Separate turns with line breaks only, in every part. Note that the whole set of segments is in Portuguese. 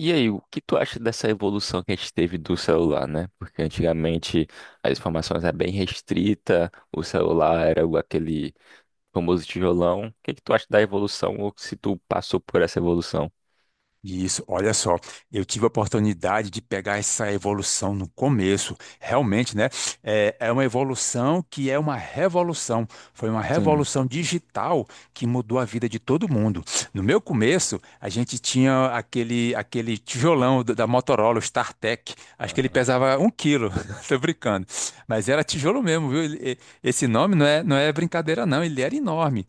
E aí, o que tu acha dessa evolução que a gente teve do celular, né? Porque antigamente as informações eram bem restrita, o celular era aquele famoso tijolão. O que que tu acha da evolução ou se tu passou por essa evolução?
Isso, olha só, eu tive a oportunidade de pegar essa evolução no começo, realmente, né? É uma evolução que é uma revolução. Foi uma
Sim.
revolução digital que mudou a vida de todo mundo. No meu começo, a gente tinha aquele tijolão da Motorola, o StarTech, acho que ele
Aham.
pesava um quilo, tô brincando, mas era tijolo mesmo, viu? Esse nome não é brincadeira, não, ele era enorme.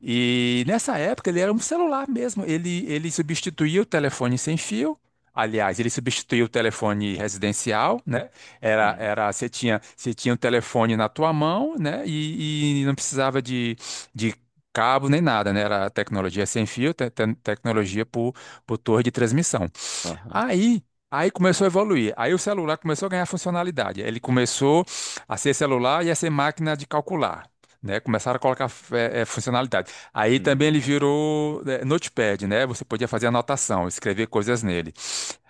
E nessa época ele era um celular mesmo. Ele substituía o telefone sem fio. Aliás, ele substituía o telefone residencial, né?
Hum,
Você tinha o telefone na tua mão, né? E não precisava de cabo nem nada, né? Era tecnologia sem fio, tecnologia por torre de transmissão.
aham.
Aí, aí começou a evoluir. Aí o celular começou a ganhar funcionalidade. Ele começou a ser celular e a ser máquina de calcular. Né, começaram a colocar funcionalidade. Aí também ele
Hum,
virou Notepad, né? Você podia fazer anotação, escrever coisas nele.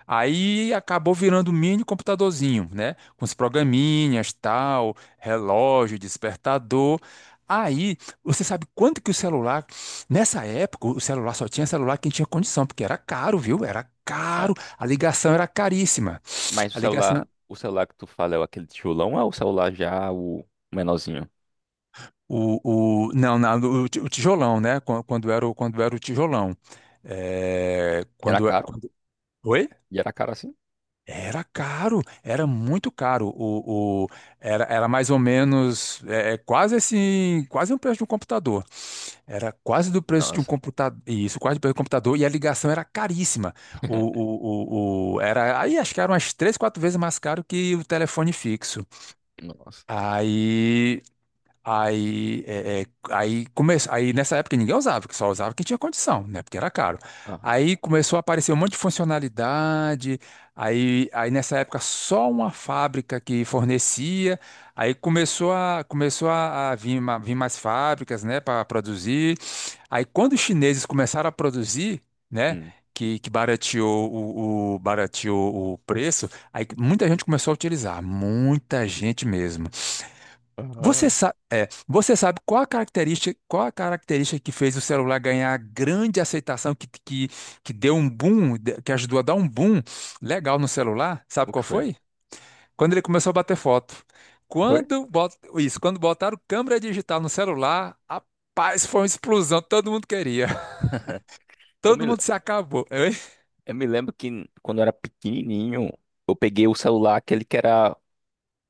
Aí acabou virando um mini computadorzinho, né? Com os programinhas, tal, relógio, despertador. Aí, você sabe quanto que o celular, nessa época, o celular só tinha celular quem tinha condição, porque era caro, viu? Era
é.
caro. A ligação era caríssima.
Mas o
A ligação,
celular, o celular que tu fala é o aquele tijolão ou é o celular já o menorzinho?
não, o tijolão, né? Quando era o tijolão. É,
Era
quando,
caro?
quando, Oi?
E era caro assim?
Era caro, era muito caro. Era mais ou menos, é quase assim, quase o preço de um computador. Era quase do preço de um
Nossa.
computador. Isso, quase do preço do computador. E a ligação era caríssima. Aí acho que era umas três, quatro vezes mais caro que o telefone fixo.
Nossa.
Aí Aí, é, é, aí, come... aí nessa época ninguém usava, porque só usava quem tinha condição, né? Porque era caro.
Aham.
Aí começou a aparecer um monte de funcionalidade. Aí nessa época só uma fábrica que fornecia. Aí começou a vir mais fábricas, né, para produzir. Aí quando os chineses começaram a produzir, né,
Hum.
que barateou o preço, aí muita gente começou a utilizar, muita gente mesmo. Você
Aham.
sabe, é, você sabe qual a característica que fez o celular ganhar grande aceitação, que ajudou a dar um boom legal no celular? Sabe
O que
qual
foi?
foi? Quando ele começou a bater foto.
Foi?
Isso, quando botaram câmera digital no celular, rapaz, foi uma explosão, todo mundo queria.
Eu me
Todo mundo se acabou. Hein?
Eu me lembro que quando eu era pequenininho, eu peguei o celular, aquele que era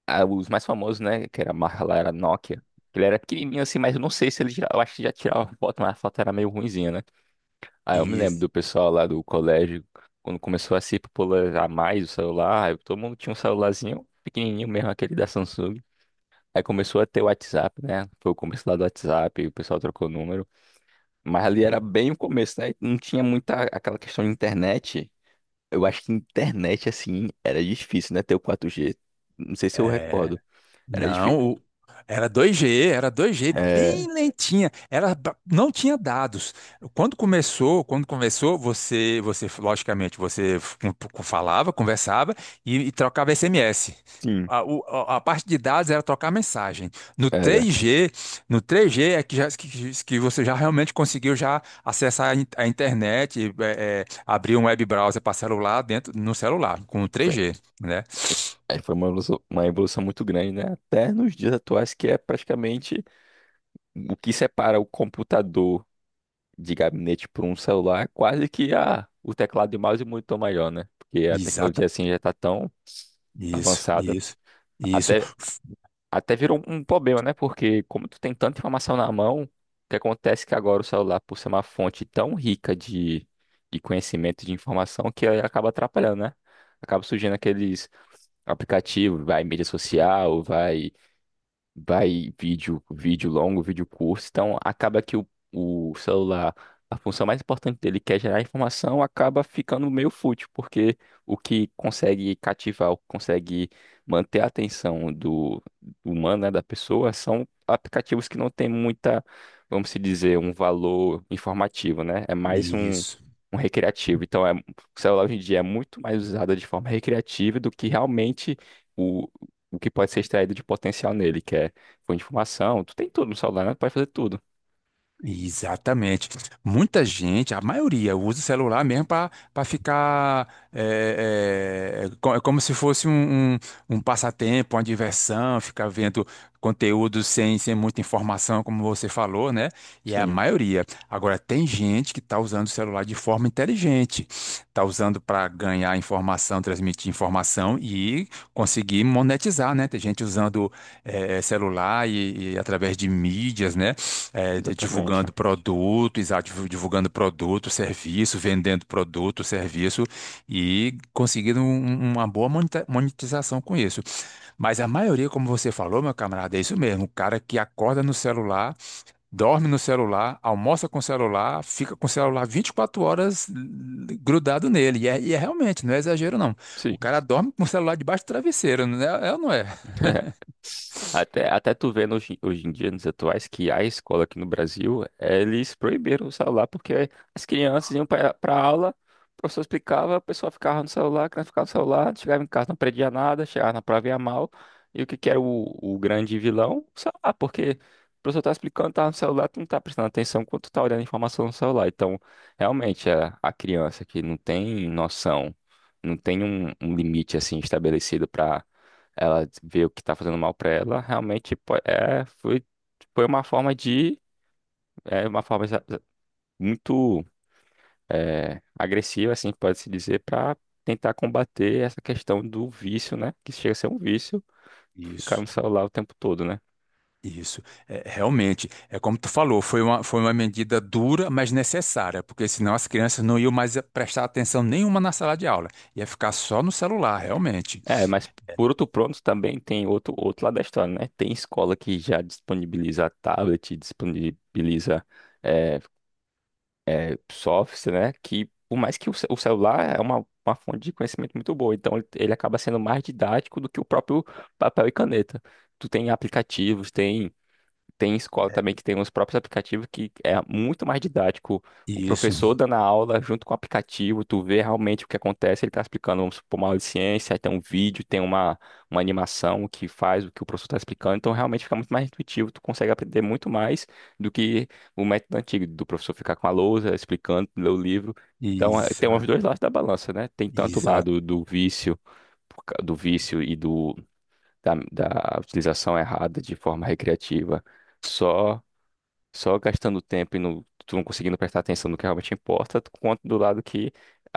os mais famosos, né? Que era a marca lá, era Nokia. Ele era pequenininho assim, mas eu não sei se ele já, eu acho que já tirava foto, mas a foto era meio ruinzinha, né? Aí eu me lembro
Isso.
do pessoal lá do colégio, quando começou a se popularizar mais o celular, aí todo mundo tinha um celularzinho pequenininho mesmo, aquele da Samsung. Aí começou a ter o WhatsApp, né? Foi o começo lá do WhatsApp, o pessoal trocou o número. Mas ali era bem o começo, né? Não tinha muita aquela questão de internet. Eu acho que internet, assim, era difícil, né? Ter o 4G. Não sei se eu recordo. Era difícil.
Não, era 2G era 2G
É,
bem lentinha. Não tinha dados. Quando começou, você logicamente, você f- com- falava, conversava e trocava SMS.
sim,
A parte de dados era trocar mensagem. No
era.
três g no três g é que você já realmente conseguiu já acessar a internet, abrir um web browser para celular dentro no celular com o
Foi,
3G, né?
aí foi uma evolução muito grande, né? Até nos dias atuais, que é praticamente o que separa o computador de gabinete por um celular, é quase que o teclado e o mouse e o monitor maior, né? Porque a
Exatamente.
tecnologia, assim, já está tão
Isso,
avançada.
isso, isso,
até Até virou um problema, né? Porque como tu tem tanta informação na mão, o que acontece é que agora o celular, por ser uma fonte tão rica de conhecimento, de informação, que aí acaba atrapalhando, né? Acaba surgindo aqueles aplicativos, vai mídia social, vai vídeo, vídeo longo, vídeo curto. Então, acaba que o celular, a função mais importante dele, que é gerar informação, acaba ficando meio fútil, porque o que consegue cativar, o que consegue manter a atenção do humano, né, da pessoa, são aplicativos que não têm muita, vamos se dizer, um valor informativo, né? É mais um.
isso.
Um recreativo. Então, é, o celular hoje em dia é muito mais usado de forma recreativa do que realmente o que pode ser extraído de potencial nele, que é fonte de informação, tu tem tudo no celular, né? Tu pode fazer tudo.
Exatamente. Muita gente, a maioria, usa o celular mesmo para ficar. É como se fosse um, um passatempo, uma diversão, ficar vendo conteúdo sem muita informação, como você falou, né? E é a
Sim,
maioria. Agora, tem gente que está usando o celular de forma inteligente, está usando para ganhar informação, transmitir informação e conseguir monetizar, né? Tem gente usando celular e através de mídias, né?
exatamente.
Divulgando produto, exato, divulgando produto, serviço, vendendo produto, serviço e conseguindo uma boa monetização com isso. Mas a maioria, como você falou, meu camarada, é isso mesmo, o cara que acorda no celular, dorme no celular, almoça com o celular, fica com o celular 24 horas grudado nele. E é realmente, não é exagero não. O
Sim.
cara dorme com o celular debaixo do travesseiro, não é, é ou não é?
Até, até tu vê hoje, hoje em dia, nos atuais, que a escola aqui no Brasil, eles proibiram o celular, porque as crianças iam para a aula, o professor explicava, a pessoa ficava no celular, a criança ficava no celular, chegava em casa, não aprendia nada, chegava na prova ia mal. E o que que era o grande vilão? O celular, porque o professor tá explicando, tá no celular, tu não tá prestando atenção quando tu tá olhando a informação no celular. Então, realmente, a criança que não tem noção, não tem um limite, assim, estabelecido para ela vê o que tá fazendo mal pra ela, realmente é, foi, foi uma forma de, é, uma forma muito é, agressiva, assim, pode-se dizer, pra tentar combater essa questão do vício, né? Que chega a ser um vício, ficar
Isso.
no celular o tempo todo, né?
Isso, é, realmente, é como tu falou, foi uma medida dura, mas necessária, porque senão as crianças não iam mais prestar atenção nenhuma na sala de aula, ia ficar só no celular, realmente.
É, mas por outro pronto também tem outro, outro lado da história, né? Tem escola que já disponibiliza tablet, disponibiliza é, é, softwares, né? Que por mais que o celular é uma fonte de conhecimento muito boa, então ele acaba sendo mais didático do que o próprio papel e caneta. Tu tem aplicativos, tem. Tem escola também que tem os próprios aplicativos que é muito mais didático. O
Isso,
professor dando a aula junto com o aplicativo, tu vê realmente o que acontece, ele está explicando, vamos supor, uma aula de ciência, aí tem um vídeo, tem uma animação que faz o que o professor está explicando, então realmente fica muito mais intuitivo, tu consegue aprender muito mais do que o método antigo, do professor ficar com a lousa, explicando, ler o livro. Então, eh, tem os dois lados da balança, né? Tem tanto o
exa-
lado do vício, do vício e do da utilização errada de forma recreativa, só só gastando tempo e não, tu não conseguindo prestar atenção no que realmente importa, quanto do lado que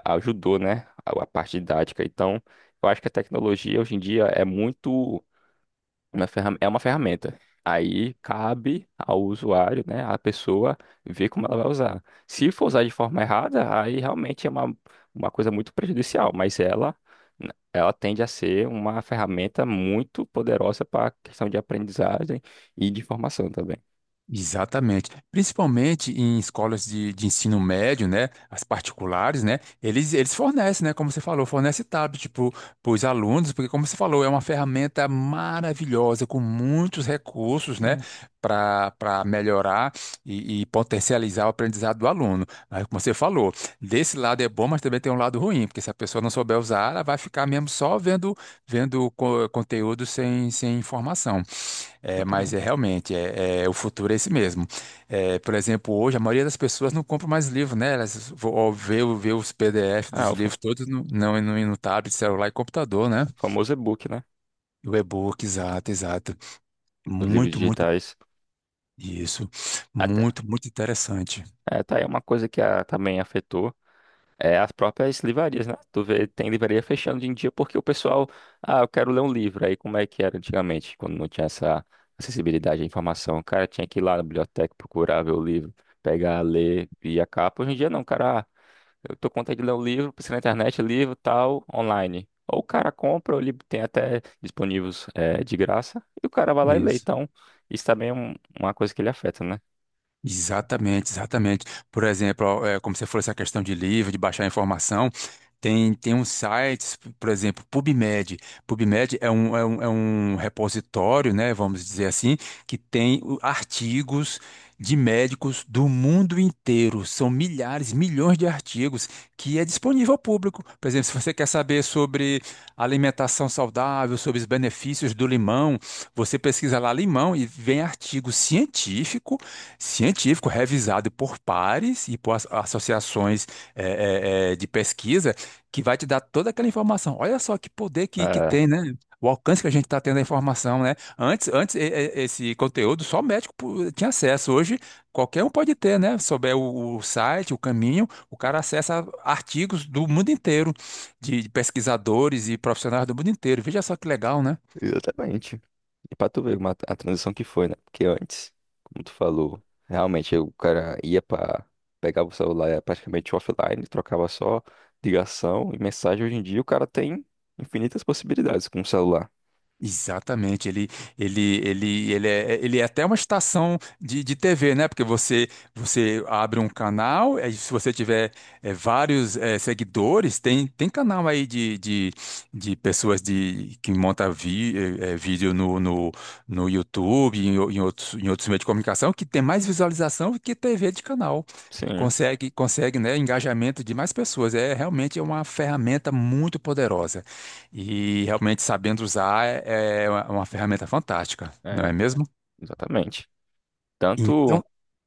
ajudou, né, a parte didática. Então, eu acho que a tecnologia hoje em dia é muito é uma ferramenta. Aí cabe ao usuário, né, a pessoa ver como ela vai usar. Se for usar de forma errada, aí realmente é uma coisa muito prejudicial, mas ela né, ela tende a ser uma ferramenta muito poderosa para a questão de aprendizagem e de formação também.
Exatamente. Principalmente em escolas de ensino médio, né? As particulares, né? Eles fornecem, né? Como você falou, fornece tablet tipo, para os alunos, porque, como você falou, é uma ferramenta maravilhosa, com muitos recursos, né?
Sim,
Para melhorar e potencializar o aprendizado do aluno. Aí, como você falou, desse lado é bom, mas também tem um lado ruim, porque se a pessoa não souber usar, ela vai ficar mesmo só vendo, conteúdo sem informação. É, mas é
exatamente.
realmente, o futuro é esse mesmo. É, por exemplo, hoje a maioria das pessoas não compra mais livro, né? Ó, vê os PDF
Ah,
dos livros todos não, no tablet, celular e computador, né?
o famoso e-book, né?
O e-book, exato, exato.
Os livros
Muito, muito,
digitais.
isso.
Até.
Muito, muito interessante.
É, tá aí uma coisa que também afetou. É, as próprias livrarias, né? Tu vê, tem livraria fechando hoje em dia porque o pessoal, ah, eu quero ler um livro. Aí como é que era antigamente, quando não tinha essa acessibilidade à informação? O cara tinha que ir lá na biblioteca procurar ver o livro, pegar, ler e a capa. Hoje em dia não, o cara, ah, eu tô com vontade de ler um livro, precisa na internet, livro, tal, online. Ou o cara compra, ou ele tem até disponíveis de graça, e o cara vai lá e lê.
Isso.
Então, isso também é uma coisa que ele afeta, né?
Exatamente, exatamente. Por exemplo, ó, como você falou, essa questão de livro, de baixar informação, tem uns sites, por exemplo, PubMed. PubMed é um repositório, né, vamos dizer assim, que tem artigos de médicos do mundo inteiro. São milhares, milhões de artigos que é disponível ao público. Por exemplo, se você quer saber sobre alimentação saudável, sobre os benefícios do limão, você pesquisa lá limão e vem artigo científico revisado por pares e por associações de pesquisa que vai te dar toda aquela informação. Olha só que poder que
É.
tem, né? O alcance que a gente está tendo da informação, né? Antes esse conteúdo só médico tinha acesso. Hoje qualquer um pode ter, né? Souber o site, o caminho, o cara acessa artigos do mundo inteiro, de pesquisadores e profissionais do mundo inteiro. Veja só que legal, né?
Exatamente. E pra tu ver uma, a transição que foi, né? Porque antes, como tu falou, realmente o cara ia pra. Pegava o celular, era praticamente offline, trocava só ligação e mensagem. Hoje em dia o cara tem infinitas possibilidades com o celular.
Exatamente, ele é até uma estação de TV, né? Porque você abre um canal, aí se você tiver vários seguidores, tem canal aí de pessoas que montam vídeo no YouTube, em outros meios de comunicação, que tem mais visualização do que TV de canal.
Sim,
Consegue, né, engajamento de mais pessoas. É realmente é uma ferramenta muito poderosa. E realmente sabendo usar é uma ferramenta fantástica, não é
é,
mesmo?
exatamente. Tanto,
Então,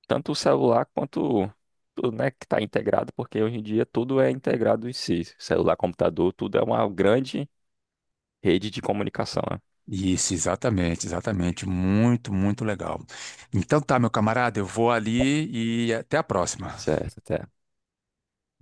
tanto o celular quanto tudo, né, que está integrado, porque hoje em dia tudo é integrado em si. Celular, computador, tudo é uma grande rede de comunicação, né?
isso, exatamente, exatamente. Muito, muito legal. Então tá, meu camarada, eu vou ali e até a próxima.
Certo, até